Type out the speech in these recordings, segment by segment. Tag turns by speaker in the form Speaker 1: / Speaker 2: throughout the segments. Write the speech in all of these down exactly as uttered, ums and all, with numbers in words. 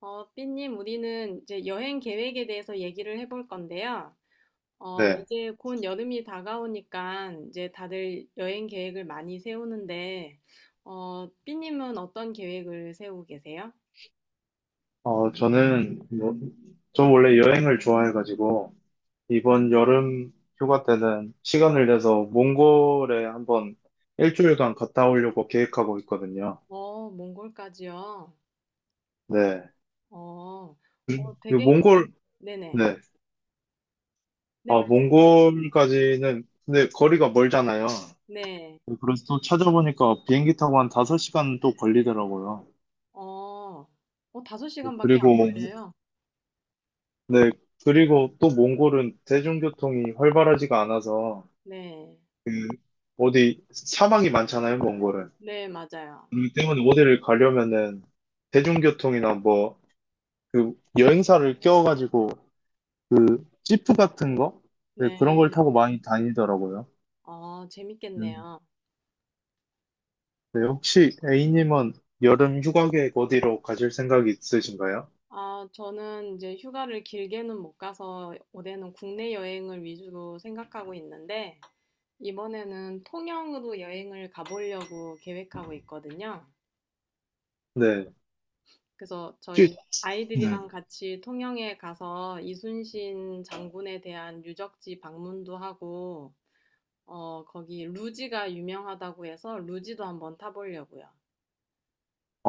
Speaker 1: 어, 삐님, 우리는 이제 여행 계획에 대해서 얘기를 해볼 건데요. 어,
Speaker 2: 네.
Speaker 1: 이제 곧 여름이 다가오니까 이제 다들 여행 계획을 많이 세우는데, 어, 삐님은 어떤 계획을 세우고 계세요?
Speaker 2: 어, 저는, 뭐, 저 원래 여행을 좋아해가지고, 이번 여름 휴가 때는 시간을 내서 몽골에 한번 일주일간 갔다 오려고 계획하고 있거든요.
Speaker 1: 어, 몽골까지요?
Speaker 2: 네.
Speaker 1: 어, 어,
Speaker 2: 이
Speaker 1: 되게,
Speaker 2: 몽골,
Speaker 1: 네네.
Speaker 2: 네.
Speaker 1: 네,
Speaker 2: 아,
Speaker 1: 말씀하세요.
Speaker 2: 몽골까지는, 근데 거리가 멀잖아요.
Speaker 1: 네.
Speaker 2: 그래서 또 찾아보니까 비행기 타고 한 다섯 시간 또 걸리더라고요.
Speaker 1: 어, 어, 다섯 시간밖에 안
Speaker 2: 그리고,
Speaker 1: 걸려요?
Speaker 2: 네. 그리고 또 몽골은 대중교통이 활발하지가 않아서,
Speaker 1: 네.
Speaker 2: 그 어디 사막이 많잖아요, 몽골은.
Speaker 1: 네, 맞아요.
Speaker 2: 그렇기 때문에 어디를 가려면은 대중교통이나 뭐 그 여행사를 껴가지고 그 지프 같은 거, 네, 그런 걸
Speaker 1: 네.
Speaker 2: 타고 많이 다니더라고요.
Speaker 1: 어,
Speaker 2: 음.
Speaker 1: 재밌겠네요.
Speaker 2: 네, 혹시 A님은 여름 휴가 계획 어디로 가실 생각이 있으신가요?
Speaker 1: 아, 저는 이제 휴가를 길게는 못 가서 올해는 국내 여행을 위주로 생각하고 있는데, 이번에는 통영으로 여행을 가보려고 계획하고 있거든요.
Speaker 2: 네.
Speaker 1: 그래서 저희
Speaker 2: 혹시 네.
Speaker 1: 아이들이랑 같이 통영에 가서 이순신 장군에 대한 유적지 방문도 하고, 어, 거기 루지가 유명하다고 해서 루지도 한번 타보려고요.
Speaker 2: 아,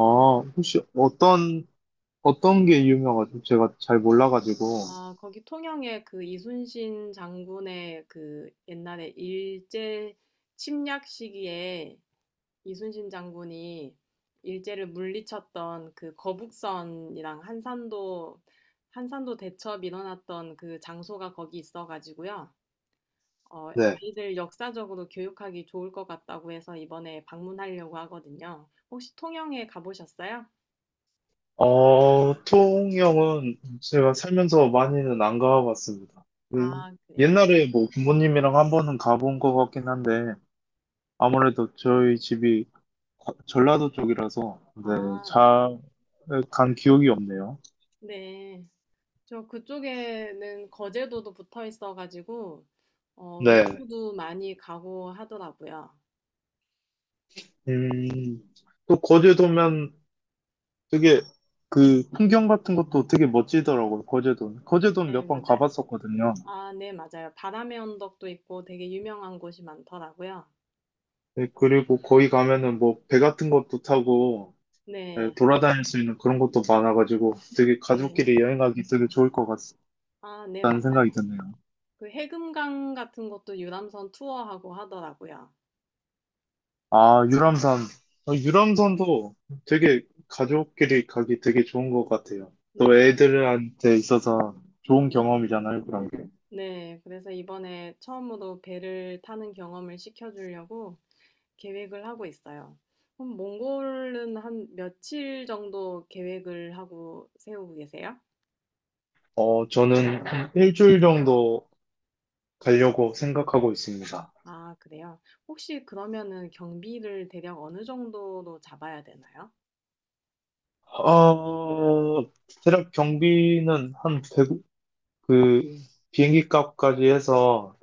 Speaker 2: 혹시 어떤, 어떤 게 유명하죠? 제가 잘 몰라가지고.
Speaker 1: 아 거기 통영에 그 이순신 장군의 그 옛날에 일제 침략 시기에 이순신 장군이 일제를 물리쳤던 그 거북선이랑 한산도 한산도 대첩 일어났던 그 장소가 거기 있어가지고요. 어,
Speaker 2: 네.
Speaker 1: 아이들 역사적으로 교육하기 좋을 것 같다고 해서 이번에 방문하려고 하거든요. 혹시 통영에 가보셨어요?
Speaker 2: 어, 통영은 제가 살면서 많이는 안 가봤습니다. 그,
Speaker 1: 아, 그래요?
Speaker 2: 옛날에 뭐 부모님이랑 한 번은 가본 것 같긴 한데, 아무래도 저희 집이 거- 전라도 쪽이라서, 네,
Speaker 1: 아, 네.
Speaker 2: 잘 간 기억이 없네요.
Speaker 1: 네. 저 그쪽에는 거제도도 붙어 있어가지고 어,
Speaker 2: 네.
Speaker 1: 외부도 많이 가고 하더라고요.
Speaker 2: 음, 또 거제도면 되게 그 풍경 같은 것도 되게 멋지더라고요, 거제도는. 거제도는
Speaker 1: 네,
Speaker 2: 몇 번
Speaker 1: 맞아요.
Speaker 2: 가봤었거든요.
Speaker 1: 아, 네, 맞아요. 바람의 언덕도 있고 되게 유명한 곳이 많더라고요.
Speaker 2: 네, 그리고 거기 가면은 뭐 배 같은 것도 타고, 네,
Speaker 1: 네,
Speaker 2: 돌아다닐 수 있는 그런 것도 많아가지고 되게
Speaker 1: 네.
Speaker 2: 가족끼리 여행하기 되게 좋을 것 같다는
Speaker 1: 아, 네,
Speaker 2: 생각이
Speaker 1: 맞아요.
Speaker 2: 드네요.
Speaker 1: 그 해금강 같은 것도 유람선 투어하고 하더라고요.
Speaker 2: 아, 유람선. 어, 유람선도 되게 가족끼리 가기 되게 좋은 것 같아요.
Speaker 1: 네,
Speaker 2: 또 애들한테 있어서 좋은 경험이잖아요, 그런 게.
Speaker 1: 네. 그래서 이번에 처음으로 배를 타는 경험을 시켜주려고 계획을 하고 있어요. 그럼 몽골은 한 며칠 정도 계획을 하고 세우고 계세요?
Speaker 2: 어, 저는 한 일주일 정도 가려고 생각하고 있습니다.
Speaker 1: 아, 그래요? 혹시 그러면은 경비를 대략 어느 정도로 잡아야 되나요?
Speaker 2: 어, 대략 경비는 한 백, 그, 비행기 값까지 해서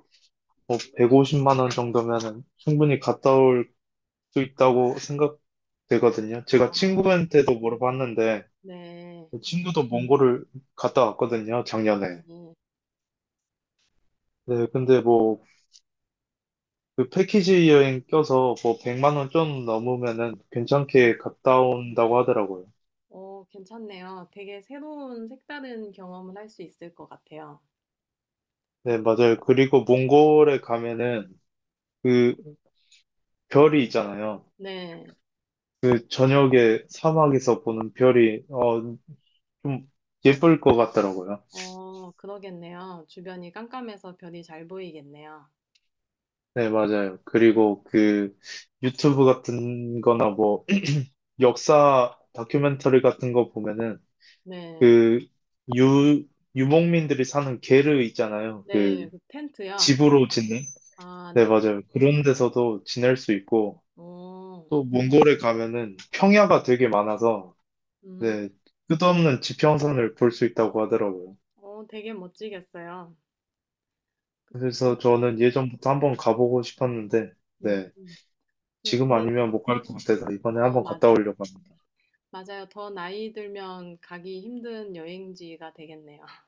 Speaker 2: 뭐 백오십만 원 정도면은 충분히 갔다 올 수 있다고 생각되거든요. 제가
Speaker 1: 아,
Speaker 2: 친구한테도 물어봤는데,
Speaker 1: 네.
Speaker 2: 친구도 몽골을 갔다 왔거든요, 작년에.
Speaker 1: 네.
Speaker 2: 네,
Speaker 1: 어,
Speaker 2: 근데 뭐, 그 패키지 여행 껴서 뭐, 백만 원 좀 넘으면은
Speaker 1: 네.
Speaker 2: 괜찮게 갔다 온다고 하더라고요.
Speaker 1: 어, 괜찮네요. 되게 새로운 색다른 경험을 할 수 있을 것 같아요.
Speaker 2: 네, 맞아요. 그리고 몽골에 가면은 그 별이 있잖아요.
Speaker 1: 네.
Speaker 2: 그 저녁에 사막에서 보는 별이, 어, 좀 예쁠 것 같더라고요.
Speaker 1: 어, 그러겠네요. 주변이 깜깜해서 별이 잘 보이겠네요.
Speaker 2: 네, 맞아요. 그리고 그 유튜브 같은 거나 뭐 역사 다큐멘터리 같은 거 보면은
Speaker 1: 네.
Speaker 2: 그 유, 유목민들이 사는 게르 있잖아요. 그
Speaker 1: 네. 그 텐트요?
Speaker 2: 집으로 짓는?
Speaker 1: 아,
Speaker 2: 네,
Speaker 1: 네.
Speaker 2: 맞아요. 그런 데서도 지낼 수 있고
Speaker 1: 오,
Speaker 2: 또 몽골에 가면은 평야가 되게 많아서
Speaker 1: 음.
Speaker 2: 네, 끝없는 지평선을 볼 수 있다고 하더라고요.
Speaker 1: 어, 되게 멋지겠어요. 그- 저는-
Speaker 2: 그래서 저는 예전부터 한번 가보고 싶었는데
Speaker 1: 음,
Speaker 2: 네,
Speaker 1: 네,
Speaker 2: 지금
Speaker 1: 저는,
Speaker 2: 아니면 못 갈 것 같아서 이번에
Speaker 1: 어,
Speaker 2: 한번 갔다
Speaker 1: 맞아요.
Speaker 2: 오려고 합니다.
Speaker 1: 맞아요. 더 나이 들면 가기 힘든 여행지가 되겠네요.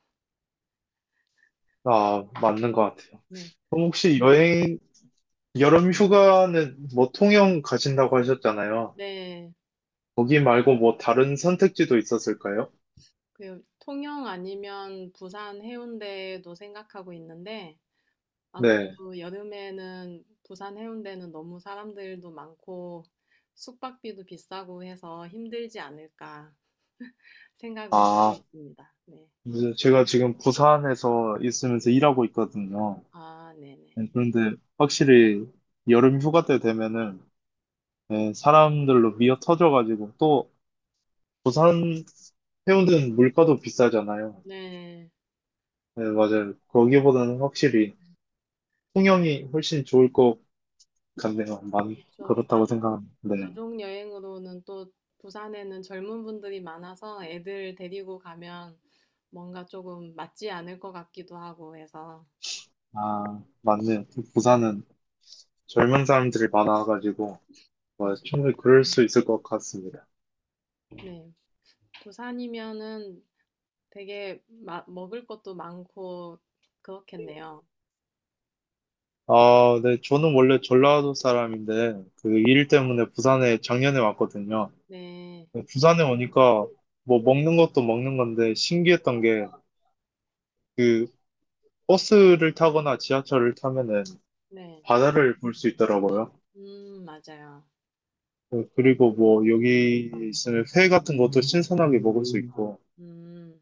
Speaker 2: 아, 맞는 것 같아요.
Speaker 1: 네.
Speaker 2: 그럼 혹시 여행 여름 휴가는 뭐 통영 가신다고 하셨잖아요.
Speaker 1: 네.
Speaker 2: 거기 말고 뭐 다른 선택지도 있었을까요?
Speaker 1: 그 통영 아니면 부산 해운대도 생각하고 있는데
Speaker 2: 네.
Speaker 1: 아무래도 여름에는 부산 해운대는 너무 사람들도 많고 숙박비도 비싸고 해서 힘들지 않을까 생각은 하고
Speaker 2: 아,
Speaker 1: 있습니다. 네.
Speaker 2: 이제 제가 지금 부산에서 있으면서 일하고 있거든요.
Speaker 1: 아, 네네.
Speaker 2: 네, 그런데 확실히 여름 휴가 때 되면은 네,
Speaker 1: 네.
Speaker 2: 사람들로 미어 터져가지고 또 부산 해운대는 물가도 비싸잖아요.
Speaker 1: 네.
Speaker 2: 네, 맞아요. 거기보다는 확실히 통영이 훨씬 좋을 것 같네요. 만,
Speaker 1: 그렇죠.
Speaker 2: 그렇다고 생각합니다. 네.
Speaker 1: 가족 여행으로는 또 부산에는 젊은 분들이 많아서 애들 데리고 가면 뭔가 조금 맞지 않을 것 같기도 하고 해서.
Speaker 2: 아, 맞네요. 부산은 젊은 사람들이 많아가지고
Speaker 1: 음,
Speaker 2: 뭐 충분히 그럴 수 있을 것 같습니다.
Speaker 1: 네. 부산이면은 되게 마- 먹을 것도 많고 그렇겠네요.
Speaker 2: 아, 네, 저는 원래 전라도 사람인데 그 일 때문에 부산에 작년에 왔거든요.
Speaker 1: 네.
Speaker 2: 부산에 오니까 뭐 먹는 것도 먹는 건데 신기했던 게 그 버스를 타거나 지하철을 타면은
Speaker 1: 네.
Speaker 2: 바다를 볼 수 있더라고요.
Speaker 1: 음, 맞아요.
Speaker 2: 어, 그리고 뭐 여기 있으면 회 같은 것도 신선하게 먹을 수 있고
Speaker 1: 음,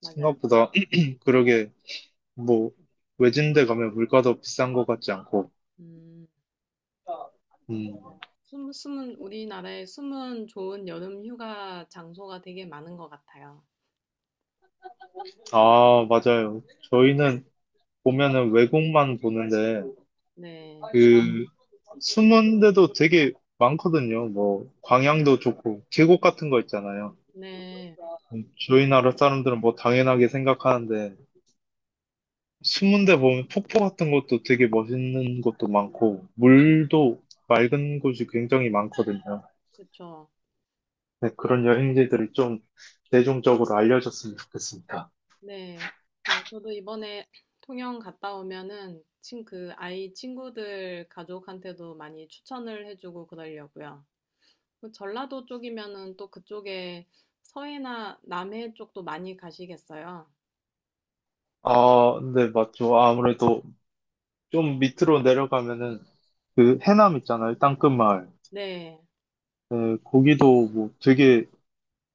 Speaker 1: 맞아요. 그렇-
Speaker 2: 생각보다 그러게 뭐 외진데 가면 물가도 비싼 것 같지 않고.
Speaker 1: 음,
Speaker 2: 음,
Speaker 1: 맞아요. 숨, 숨은, 우리나라에 숨은 좋은 여름 휴가 장소가 되게 많은 것 같아요.
Speaker 2: 아, 맞아요. 저희는 보면은 외국만 보는데,
Speaker 1: 네.
Speaker 2: 그, 숨은 데도 되게 많거든요. 뭐, 광양도 좋고, 계곡 같은 거 있잖아요.
Speaker 1: 네.
Speaker 2: 저희 나라 사람들은 뭐 당연하게 생각하는데, 숨은 데 보면 폭포 같은 것도 되게 멋있는 것도 많고,
Speaker 1: 음.
Speaker 2: 물도 맑은 곳이 굉장히 많거든요.
Speaker 1: 그쵸.
Speaker 2: 네, 그런 여행지들이 좀 대중적으로 알려졌으면 좋겠습니다.
Speaker 1: 네. 그 저도 이번에 통영 갔다 오면은 친, 그 아이 친구들 가족한테도 많이 추천을 해주고 그러려고요. 그 전라도 쪽이면은 또 그쪽에 서해나 남해 쪽도 많이 가시겠어요.
Speaker 2: 아, 네, 맞죠. 아무래도 좀 밑으로 내려가면은 그 해남 있잖아요. 땅끝마을.
Speaker 1: 네.
Speaker 2: 예, 거기도 뭐 되게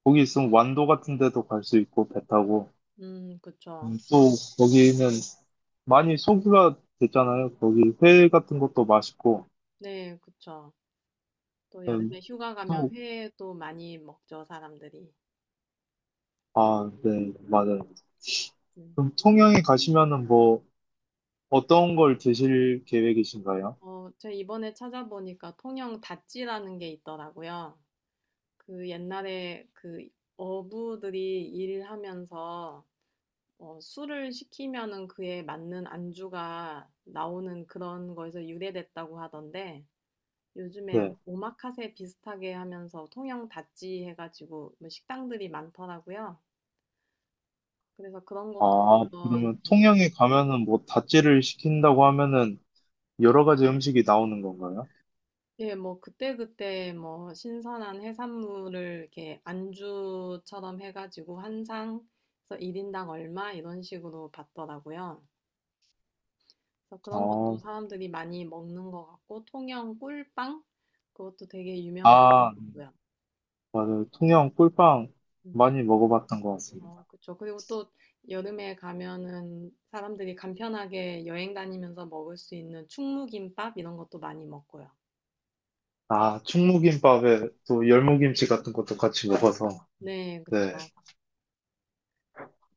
Speaker 2: 거기 있으면 완도 같은 데도 갈 수 있고 배 타고
Speaker 1: 음, 그쵸.
Speaker 2: 음, 또 거기는 많이 소주가 됐잖아요. 거기 회 같은 것도 맛있고
Speaker 1: 네, 그쵸. 또
Speaker 2: 음,
Speaker 1: 여름에 휴가 가면
Speaker 2: 또
Speaker 1: 회도 많이 먹죠, 사람들이.
Speaker 2: 아, 네, 맞아요.
Speaker 1: 네.
Speaker 2: 그럼 통영에 가시면은 뭐 어떤 걸 드실 계획이신가요?
Speaker 1: 어, 제가 이번에 찾아보니까 통영 다찌라는 게 있더라고요. 그 옛날에 그 어부들이 일하면서 어, 술을 시키면은 그에 맞는 안주가 나오는 그런 거에서 유래됐다고 하던데 요즘에
Speaker 2: 네.
Speaker 1: 오마카세 비슷하게 하면서 통영 다찌 해가지고 뭐 식당들이 많더라고요. 그래서 그런 것도
Speaker 2: 아,
Speaker 1: 한번
Speaker 2: 그러면
Speaker 1: 이렇게
Speaker 2: 통영에
Speaker 1: 먹
Speaker 2: 가면은 뭐 다찌를 시킨다고 하면은 여러 가지 음식이 나오는 건가요?
Speaker 1: 예, 뭐 그때그때 뭐 신선한 해산물을 이렇게 안주처럼 해가지고 한 상, 그래서 일인당 얼마 이런 식으로 받더라고요. 그래서 그런 것도
Speaker 2: 아,
Speaker 1: 사람들이 많이 먹는 것 같고, 통영 꿀빵? 그것도 되게 유명한
Speaker 2: 아,
Speaker 1: 것 같고요.
Speaker 2: 맞아요. 통영 꿀빵
Speaker 1: 음.
Speaker 2: 많이 먹어봤던 것
Speaker 1: 어,
Speaker 2: 같습니다.
Speaker 1: 그쵸. 그리고 또 여름에 가면은 사람들이 간편하게 여행 다니면서 먹을 수 있는 충무김밥 이런 것도 많이 먹고요.
Speaker 2: 아, 충무김밥에 또 열무김치 같은 것도 같이 먹어서,
Speaker 1: 네,
Speaker 2: 네.
Speaker 1: 그쵸.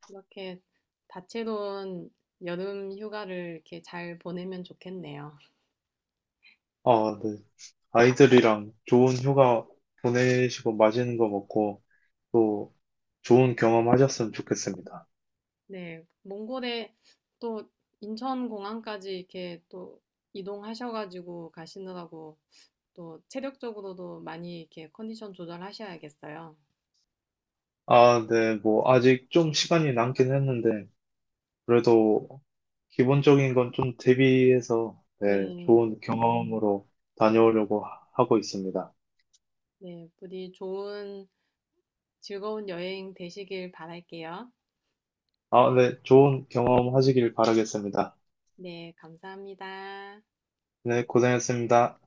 Speaker 1: 이렇게 다채로운 여름 휴가를 이렇게 잘 보내면 좋겠네요.
Speaker 2: 아, 네. 아이들이랑 좋은 휴가 보내시고 맛있는 거 먹고 또 좋은 경험 하셨으면 좋겠습니다.
Speaker 1: 네, 몽골에 또 인천공항까지 이렇게 또 이동하셔가지고 가시느라고 또 체력적으로도 많이 이렇게 컨디션 조절하셔야겠어요.
Speaker 2: 아, 네. 뭐, 아직 좀 시간이 남긴 했는데, 그래도 기본적인 건 좀 대비해서, 네.
Speaker 1: 네.
Speaker 2: 좋은 경험으로 다녀오려고 하- 하고 있습니다.
Speaker 1: 네. 부디 좋은 즐거운 여행 되시길 바랄게요.
Speaker 2: 아, 네. 좋은 경험 하시길 바라겠습니다.
Speaker 1: 네. 감사합니다.
Speaker 2: 네, 고생했습니다.